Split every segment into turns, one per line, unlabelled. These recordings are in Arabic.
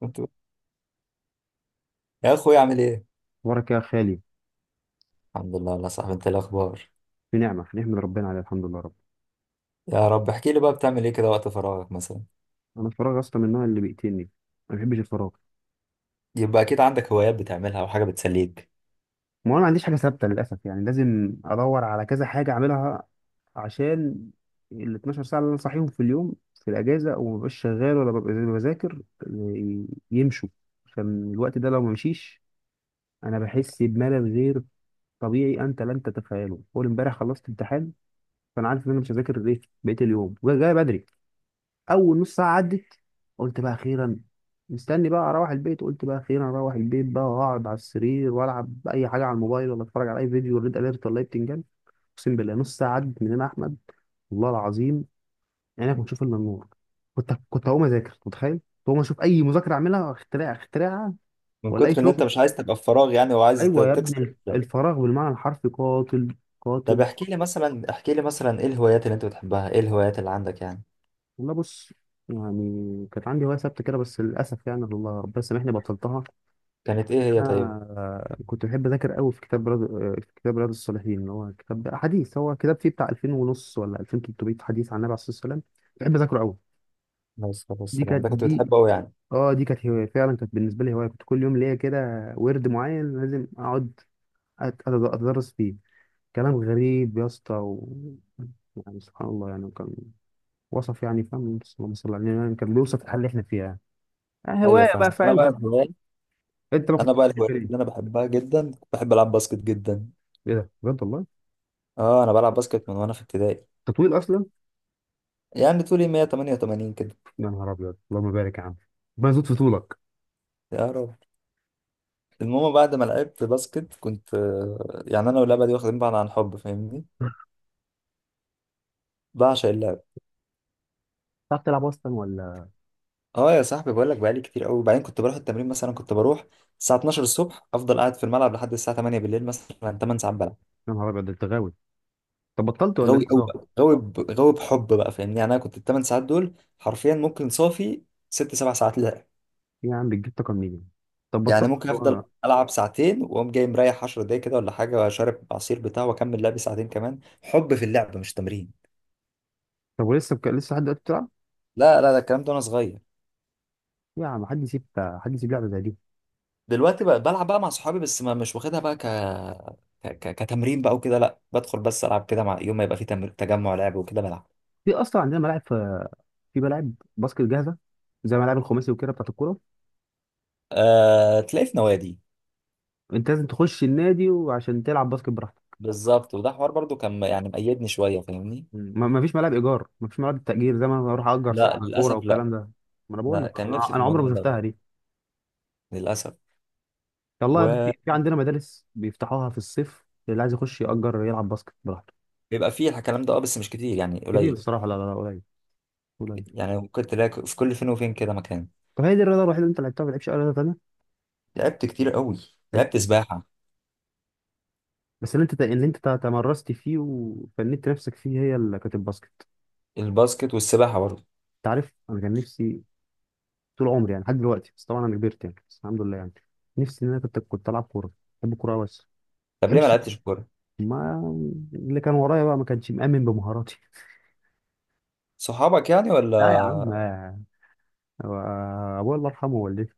كنت يا اخوي عامل ايه؟
اخبارك يا خالي.
الحمد لله والله يا صاحبي، انت إيه الاخبار؟
في نعمه في نعمه من ربنا، عليها الحمد لله رب.
يا رب. احكي لي بقى، بتعمل ايه كده وقت فراغك مثلا؟
انا الفراغ اصلا من النوع اللي بيقتلني، ما بحبش الفراغ.
يبقى اكيد عندك هوايات بتعملها او حاجه بتسليك.
ما انا ما عنديش حاجه ثابته للاسف، يعني لازم ادور على كذا حاجه اعملها عشان ال 12 ساعه اللي انا صاحيهم في اليوم في الاجازه وما ببقاش شغال ولا ببقى بذاكر يمشوا. عشان الوقت ده لو ما مشيش انا بحس بملل غير طبيعي انت لن تتخيله. اول امبارح خلصت امتحان، فانا عارف ان انا مش هذاكر ايه بقيه اليوم وجاي بدري. اول نص ساعه عدت، قلت بقى اخيرا، مستني بقى اروح البيت. قلت بقى اخيرا اروح البيت بقى واقعد على السرير والعب اي حاجه على الموبايل، ولا اتفرج على اي فيديو ريد اليرت ولا اي بتنجان. اقسم بالله نص ساعه عدت من هنا يا احمد، والله العظيم. يعني انا كنت اشوف الا النور. كنت هقوم اذاكر، متخيل كنت هقوم اشوف اي مذاكره اعملها، اختراع اختراع،
من
ولا اي
كتر ان انت
شغل.
مش عايز تبقى في فراغ يعني، وعايز
ايوه يا
تكسر
ابني،
ده.
الفراغ بالمعنى الحرفي قاتل،
طب
قاتل.
احكي لي مثلا، احكي لي مثلا ايه الهوايات اللي انت بتحبها، ايه الهوايات اللي عندك يعني؟
والله بص، يعني كانت عندي هوايه ثابته كده بس للاسف يعني الله ربنا يسامحني بطلتها.
كانت ايه هي طيب؟
انا كنت بحب اذاكر قوي في كتاب رياض، في كتاب رياض الصالحين اللي هو كتاب حديث، هو كتاب فيه بتاع 2000 ونص ولا 2300 حديث عن النبي عليه الصلاه والسلام. بحب اذاكره قوي.
عليه الصلاة
دي
والسلام،
كانت
ده كنت
دي
بتحبه قوي يعني؟
اه دي كانت هوايه فعلا، كانت بالنسبه لي هوايه، كنت كل يوم ليا كده ورد معين لازم اقعد اتدرس فيه. كلام غريب يا اسطى يعني سبحان الله، يعني كان وصف، يعني فاهم، اللهم صل على النبي، يعني كان بيوصف الحاله اللي احنا فيها. يعني
ايوه
هوايه
فاهم.
بقى، فاهم كده. انت ما
انا
كنتش
بقى
بتحب
الهوايات اللي انا
ايه؟
بحبها جدا، بحب العب باسكت جدا.
إيه ده؟ بجد والله.
اه انا بلعب باسكت من وانا في ابتدائي.
تطويل اصلا.
يعني طولي 188 كده.
يا نهار ابيض، اللهم بارك يا عم، ربنا يزود في طولك.
يا رب. المهم بعد ما لعبت باسكت كنت يعني انا واللعبه دي واخدين بعض عن حب، فاهمني. بعشق اللعب.
بتعرف تلعب اصلا ولا؟
اه يا صاحبي بقول لك، بقالي كتير قوي. وبعدين كنت بروح التمرين، مثلا كنت بروح الساعه 12 الصبح، افضل قاعد في الملعب لحد الساعه 8 بالليل، مثلا 8 ساعات بلعب.
يا نهار ابيض، ده انت غاوي. طب بطلت ولا
غاوي
انت
قوي
صار؟
بقى، غاوي غاوي بحب بقى فاهمني. يعني انا كنت ال 8 ساعات دول حرفيا ممكن صافي 6 7 ساعات لعب.
إيه يا عم، بتجيب طاقه منين؟ طب
يعني ممكن
بطلت
افضل
وانا؟
العب ساعتين، واقوم جاي مريح 10 دقايق كده ولا حاجه، واشرب عصير بتاع، واكمل لعبي ساعتين كمان. حب في اللعب مش تمرين.
طب ولسه لسه لحد دلوقتي بتلعب؟
لا لا، ده الكلام ده وانا صغير.
يا عم، حد يسيب حد يسيب لعبه زي دي؟
دلوقتي بقى بلعب بقى مع صحابي، بس ما مش واخدها بقى كتمرين بقى وكده. لا بدخل بس العب كده، مع يوم ما يبقى في تجمع لعب وكده بلعب.
في اصلا عندنا ملاعب، في في ملاعب باسكت جاهزه؟ زي ملاعب الخماسي وكده بتاعت الكوره.
تلاقي في نوادي.
انت لازم تخش النادي وعشان تلعب باسكت براحتك.
بالظبط، وده حوار برضو كان يعني مقيدني شويه فاهمني.
ما فيش ملاعب ايجار، ما فيش ملاعب تاجير زي ما انا اروح اجر
لا
ساعه كوره
للاسف لا.
والكلام ده. ما انا بقول
لا
لك
كان
انا
نفسي في
عمري
الموضوع
ما
ده،
شفتها دي.
للاسف.
والله يا ابني، في
وبيبقى
عندنا مدارس بيفتحوها في الصيف، اللي عايز يخش يأجر يلعب باسكت براحته.
فيه الكلام ده، اه بس مش كتير يعني،
كتير
قليل.
الصراحة؟ لا لا لا، قليل، قليل.
يعني ممكن تلاقي في كل فين وفين كده مكان.
طب هي دي الرياضة الوحيدة اللي انت لعبتها؟ ما لعبتش أي رياضة تانية؟
لعبت كتير قوي.
لعبت
لعبت
إيه؟
سباحه.
بس اللي انت تمرست فيه وفنيت نفسك فيه هي اللي كانت الباسكت.
الباسكت والسباحه برضو.
انت عارف، انا كان نفسي طول عمري يعني لحد دلوقتي، بس طبعا انا كبرت يعني، بس الحمد لله يعني. نفسي ان انا كنت العب كورة، بحب الكورة أوي، بس ما
طب ليه ما
بحبش.
لعبتش كوره؟
ما اللي كان ورايا بقى ما كانش مأمن بمهاراتي.
صحابك يعني ولا؟
لا يا عم، هو ابويا الله يرحمه والدتي،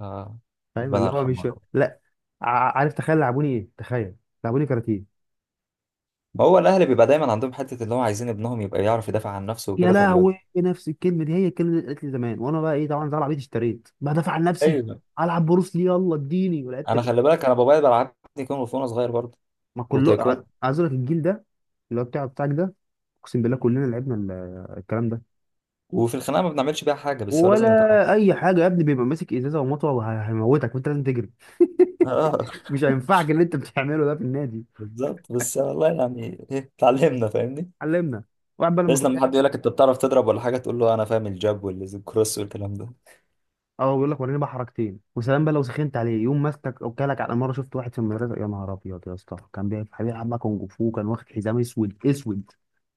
آه.
فاهم
ربنا
اللي هو
يرحمه.
مش، لا. عارف، تخيل لعبوني ايه، تخيل، لعبوني كاراتيه.
هو الاهل بيبقى دايما عندهم حته اللي هو عايزين ابنهم يبقى يعرف يدافع عن نفسه
يا
وكده، فبيودي.
لهوي، نفس الكلمه دي هي الكلمه اللي قالت لي زمان، وانا بقى ايه، طبعا زي العبيط اشتريت بدافع عن نفسي،
ايوه.
العب بروس لي، يلا اديني، ولعبت.
انا خلي بالك، انا بابايا بلعبني كونغ فو وانا صغير برضه،
ما كله
وتايكوندو.
عايز اقول لك الجيل ده اللي هو بتاع بتاعك ده، اقسم بالله كلنا لعبنا الكلام ده.
وفي الخناقه ما بنعملش بيها حاجه، بس هو
ولا
لازم نتعلم.
اي حاجه يا ابني، بيبقى ماسك ازازه ومطوه وهيموتك وانت لازم تجري،
اه.
مش هينفعك اللي انت بتعمله ده في النادي.
بالظبط، بس والله يعني ايه، اتعلمنا فاهمني.
علمنا، واحد بقى لما،
بس لما حد يقول لك انت بتعرف تضرب ولا حاجه، تقول له انا فاهم الجاب والكروس والكلام ده.
اه، بيقول لك وريني بقى حركتين وسلام بقى لو سخنت عليه يوم ماسكك، او كلك على مره. شفت واحد في المدرسه، يا نهار ابيض يا اسطى، كان بيلعب بقى كونج فو، كان واخد حزام اسود اسود.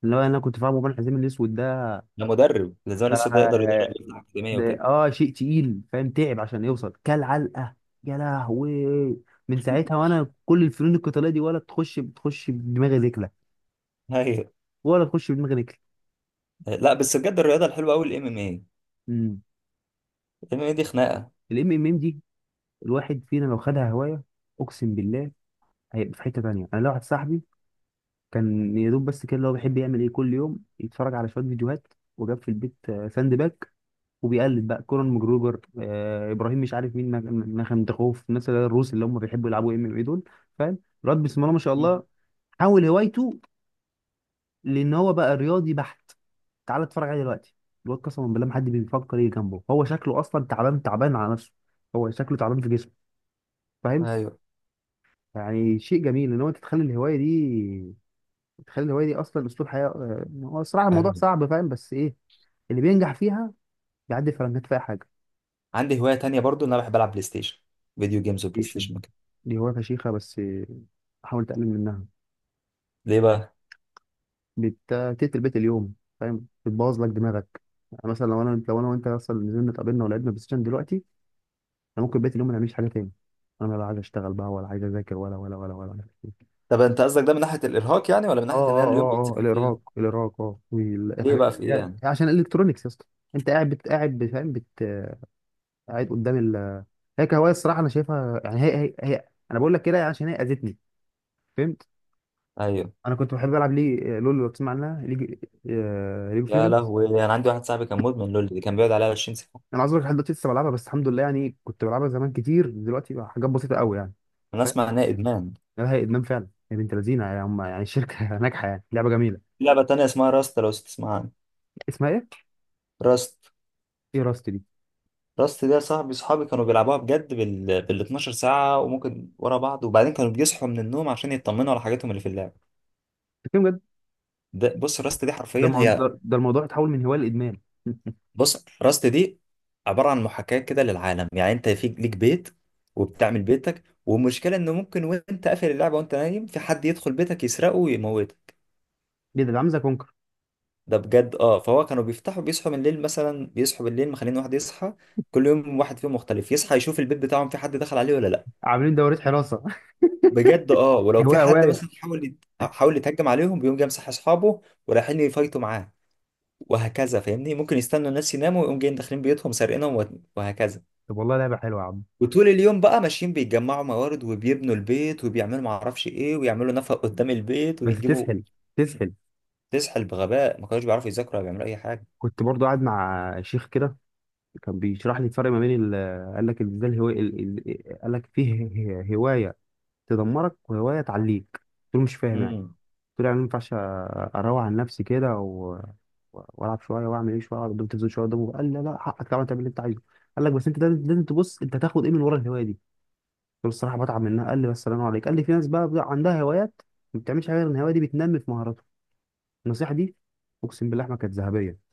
اللي هو انا كنت فاهمه بقى الحزام الاسود ده
انا مدرب، لازم لسه ده يقدر
ده
يدرب يفتح اكاديميه
ده
وكده.
اه شيء تقيل، فاهم تعب عشان يوصل كل علقه. يا لهوي، من ساعتها وانا كل الفنون القتاليه دي ولا تخش، بتخش بدماغي رجله،
ايوه.
ولا تخش بدماغي رجله.
لا بس بجد الرياضه الحلوه قوي الام ام اي.
امم
الام ام اي دي خناقه.
الام ام ام دي، الواحد فينا لو خدها هوايه، اقسم بالله هيبقى في حته تانيه. انا لو واحد صاحبي كان يا دوب بس كده، اللي هو بيحب يعمل ايه، كل يوم يتفرج على شويه فيديوهات وجاب في البيت، ساند باك، وبيقلد بقى كورن ماجروجر، آه ابراهيم مش عارف مين، مخندخوف، الناس اللي هي الروس اللي هم بيحبوا يلعبوا ام ام اي دول، فاهم. الواد بسم الله ما شاء
مم.
الله، حول هوايته، لان هو بقى رياضي بحت، تعالى اتفرج عليه دلوقتي. الواد قسما بالله ما حد بيفكر يجي جنبه، هو شكله اصلا تعبان تعبان على نفسه، هو شكله تعبان في جسمه، فاهم.
ايوه
يعني شيء جميل ان هو تتخلي الهوايه دي، تخلي الهوايه دي اصلا اسلوب حياه، هو الصراحه الموضوع صعب فاهم، بس ايه اللي بينجح فيها بيعدي فرنجات في اي حاجه.
عندي هواية تانية برضو ان انا بحب العب بلاي ستيشن، فيديو جيمز وبلاي
ايشن،
ستيشن وكده.
دي هوايه فشيخه، بس حاول تقلل منها.
ليه بقى؟
بتقتل البيت اليوم، فاهم، بتبوظ لك دماغك. يعني مثلا لو انا، لو انا وانت اصلا نزلنا اتقابلنا ولعبنا بلاي ستيشن دلوقتي، انا ممكن بيت اليوم ما نعملش حاجه تاني، انا لا عايز اشتغل بقى ولا عايز اذاكر، ولا ولا ولا ولا ولا.
طب انت قصدك ده من ناحية الارهاق يعني، ولا من
اه
ناحية ان انا
اه
اليوم
اه اه،
بيتسحل فيها؟
الارهاق، الارهاق، اه،
ليه
والحاجات
بقى؟ في ايه
دي
يعني؟
عشان الالكترونيكس يا اسطى. انت قاعد قاعد قدام. هي كهوايه الصراحه انا شايفها، يعني هي هي انا بقول لك كده عشان هي اذتني، فهمت.
ايوه.
انا كنت بحب العب ليه، لول، لو تسمع عنها ليج، ليج اوف
يا
ليجندز.
لهوي، انا عندي واحد صاحبي كان مدمن لول، اللي كان بيقعد عليها 20 ساعة.
انا عذرك لحد دلوقتي لسه بلعبها، بس الحمد لله يعني، كنت بلعبها زمان كتير، دلوقتي بقى حاجات بسيطه قوي يعني،
انا اسمع
فاهم.
انها ادمان.
لا، هي ادمان فعلا يا بنت لذينه يعني، هم يعني الشركه ناجحه، يعني لعبه جميله.
في لعبة تانية اسمها راست، لو تسمع عنها.
اسمها ايه؟
راست.
ايه راست دي؟
راست دي يا صاحبي، صحابي كانوا بيلعبوها بجد بال 12 ساعة، وممكن ورا بعض. وبعدين كانوا بيصحوا من النوم عشان يطمنوا على حاجاتهم اللي في اللعبة.
بتتكلم بجد؟
ده بص، راست دي
ده
حرفيا
الموضوع
هي،
ده ده الموضوع اتحول من هوايه لادمان
بص راست دي عباره عن محاكاه كده للعالم. يعني انت في ليك بيت، وبتعمل بيتك، والمشكله انه ممكن وانت قافل اللعبه وانت نايم في حد يدخل بيتك يسرقه ويموته.
ايه ده، ده عامل زي كونكر.
ده بجد اه. فهو كانوا بيفتحوا، بيصحوا من الليل، مثلا بيصحوا بالليل مخلين واحد يصحى. كل يوم واحد فيهم مختلف يصحى يشوف البيت بتاعهم في حد دخل عليه ولا لا.
عاملين دورات حراسه.
بجد اه. ولو في
هوايه،
حد
هوايه.
مثلا حاول يتهجم عليهم، بيقوم جاي مصحي اصحابه ورايحين يفايتوا معاه. وهكذا فاهمني. ممكن يستنوا الناس يناموا ويقوم جايين داخلين بيوتهم سارقينهم، وهكذا.
طب والله لعبه حلوه يا عم.
وطول اليوم بقى ماشيين بيجمعوا موارد وبيبنوا البيت وبيعملوا معرفش ايه، ويعملوا نفق قدام البيت
بس
ويجيبوا.
تسحل، تسحل.
تسحل بغباء، ما كانوش بيعرفوا يذاكروا ولا بيعملوا اي حاجه.
كنت برضو قاعد مع شيخ كده، كان بيشرح لي الفرق ما بين قال لك ازاي الهوايه قال لك فيه هوايه تدمرك وهوايه تعليك، قلت له مش فاهم يعني.
امم.
قلت له يعني ما ينفعش اروق عن نفسي كده والعب شويه واعمل ايه شويه واقعد قدام التلفزيون شويه قدامه، قال لا لا، حقك طبعا تعمل اللي انت عايزه. قال لك بس انت لازم تبص انت هتاخد ايه من ورا الهوايه دي. قلت له الصراحه بتعب منها، قال لي بس الله عليك، قال لي في ناس بقى بتبقى عندها هوايات ما بتعملش حاجه غير ان الهوايه دي بتنمي في مهاراتها. النصيحه دي اقسم بالله ما كانت ذهبيه،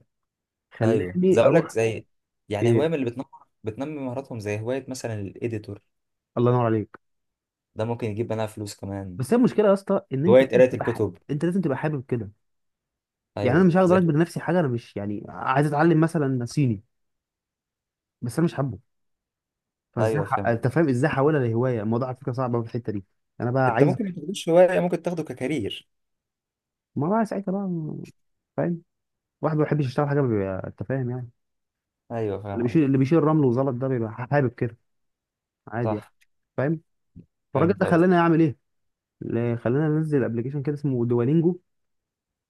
ايوه زي،
خلاني
اقول لك
اروح.
زي يعني هوايه
ايه،
من اللي بتنمر، بتنمي مهاراتهم، زي هوايه مثلا الايديتور.
الله ينور عليك.
ده ممكن يجيب منها فلوس كمان.
بس هي المشكله يا اسطى، ان انت
هوايه
لازم
قرايه
تبقى حابب،
الكتب.
انت لازم تبقى حابب كده. يعني انا
ايوه
مش هقدر
زي.
اجبر نفسي حاجه، انا مش يعني عايز اتعلم مثلا صيني بس انا مش حابه. فازاي
ايوه فاهم.
انت فاهم ازاي احولها لهوايه، الموضوع على فكره صعب أوي في الحته دي. انا بقى
انت
عايز،
ممكن ما تاخدوش هوايه، ممكن تاخده ككارير.
ما بقى ساعتها بقى فاهم، واحد ما بيحبش يشتغل حاجه بيبقى انت فاهم يعني.
ايوه
اللي
فاهم قصدي.
بيشيل رمل وزلط ده بيبقى حابب كده، عادي يعني،
صح.
فاهم. فالراجل
فهمت
ده
قصدي.
خلاني اعمل ايه، اللي خلاني انزل ابلكيشن كده اسمه دوالينجو،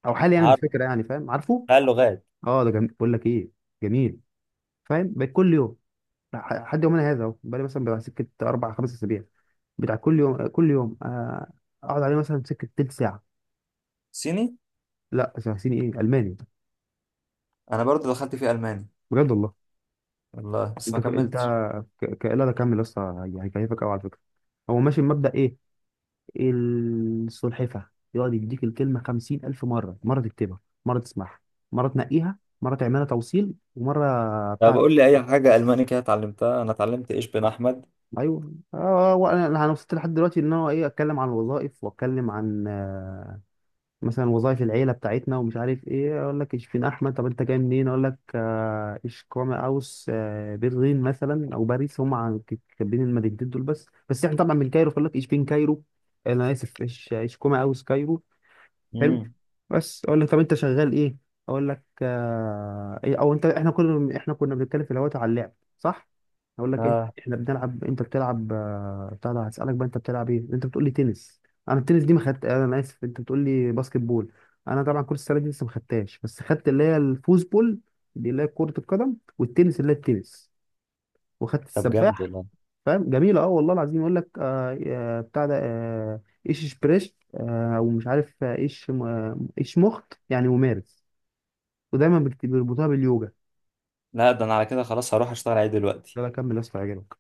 او حالي يعني
عارف
بالفكره، يعني فاهم عارفه.
بقى اللغات.
اه ده جميل، بقول لك ايه، جميل. فاهم، بقيت كل يوم لحد يومنا هذا اهو، بقالي مثلا بتاع سكه 4 أو 5 أسابيع، بتاع كل يوم كل يوم، اقعد عليه مثلا سكه تلت ساعه.
صيني.
لا ساعتين، ايه، الماني،
انا برضو دخلت في الماني،
بجد والله.
والله بس
انت
ما
انت
كملتش.
لا ده كمل لسه، هيكيفك قوي على فكره، هو ماشي بمبدا ايه، السلحفه. يقعد يديك الكلمه 50,000 مرة، مره تكتبها، مره تسمعها، مره تنقيها، مره تعملها توصيل، ومره
طب
بتاعت،
قول لي اي حاجه الماني كده اتعلمتها. انا اتعلمت ايش بن احمد.
ايوه. انا وصلت لحد دلوقتي ان انا ايه، اتكلم عن الوظائف واتكلم عن، مثلا وظائف العيله بتاعتنا، ومش عارف ايه، اقول لك اشفين احمد. طب انت جاي منين؟ اقول لك اشكوما اوس، برلين مثلا او باريس، هم كاتبين المدينتين دول بس، احنا طبعا من كايرو، فيقول لك اشبين كايرو. انا اسف، اشكوما اوس كايرو. حلو.
امم.
بس اقول لك طب انت شغال ايه؟ اقول لك إيه او انت، احنا كنا بنتكلم في الاول على اللعب، صح. اقول لك ايه
اه.
احنا بنلعب، انت بتلعب بتاع ده، هسالك بقى انت بتلعب ايه، انت بتقول لي تنس. انا التنس دي ما خدت، انا اسف، انت بتقول لي باسكت بول، انا طبعا كره السله دي لسه ما خدتهاش، بس خدت اللي هي الفوز بول، دي اللي هي كره القدم، والتنس اللي هي التنس، وخدت
طب جامد
السباح.
والله.
فاهم جميلة، اه والله العظيم، يقول لك بتاع ده، آه ايش إشبريش، آه ومش عارف، ايش آه، ايش مخت، يعني ممارس، ودايما بيربطوها باليوجا.
لا ده انا على كده خلاص هروح اشتغل عليه دلوقتي.
ده بكمل يا اسطى، هيعجبك.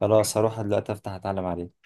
خلاص هروح دلوقتي افتح اتعلم عليه.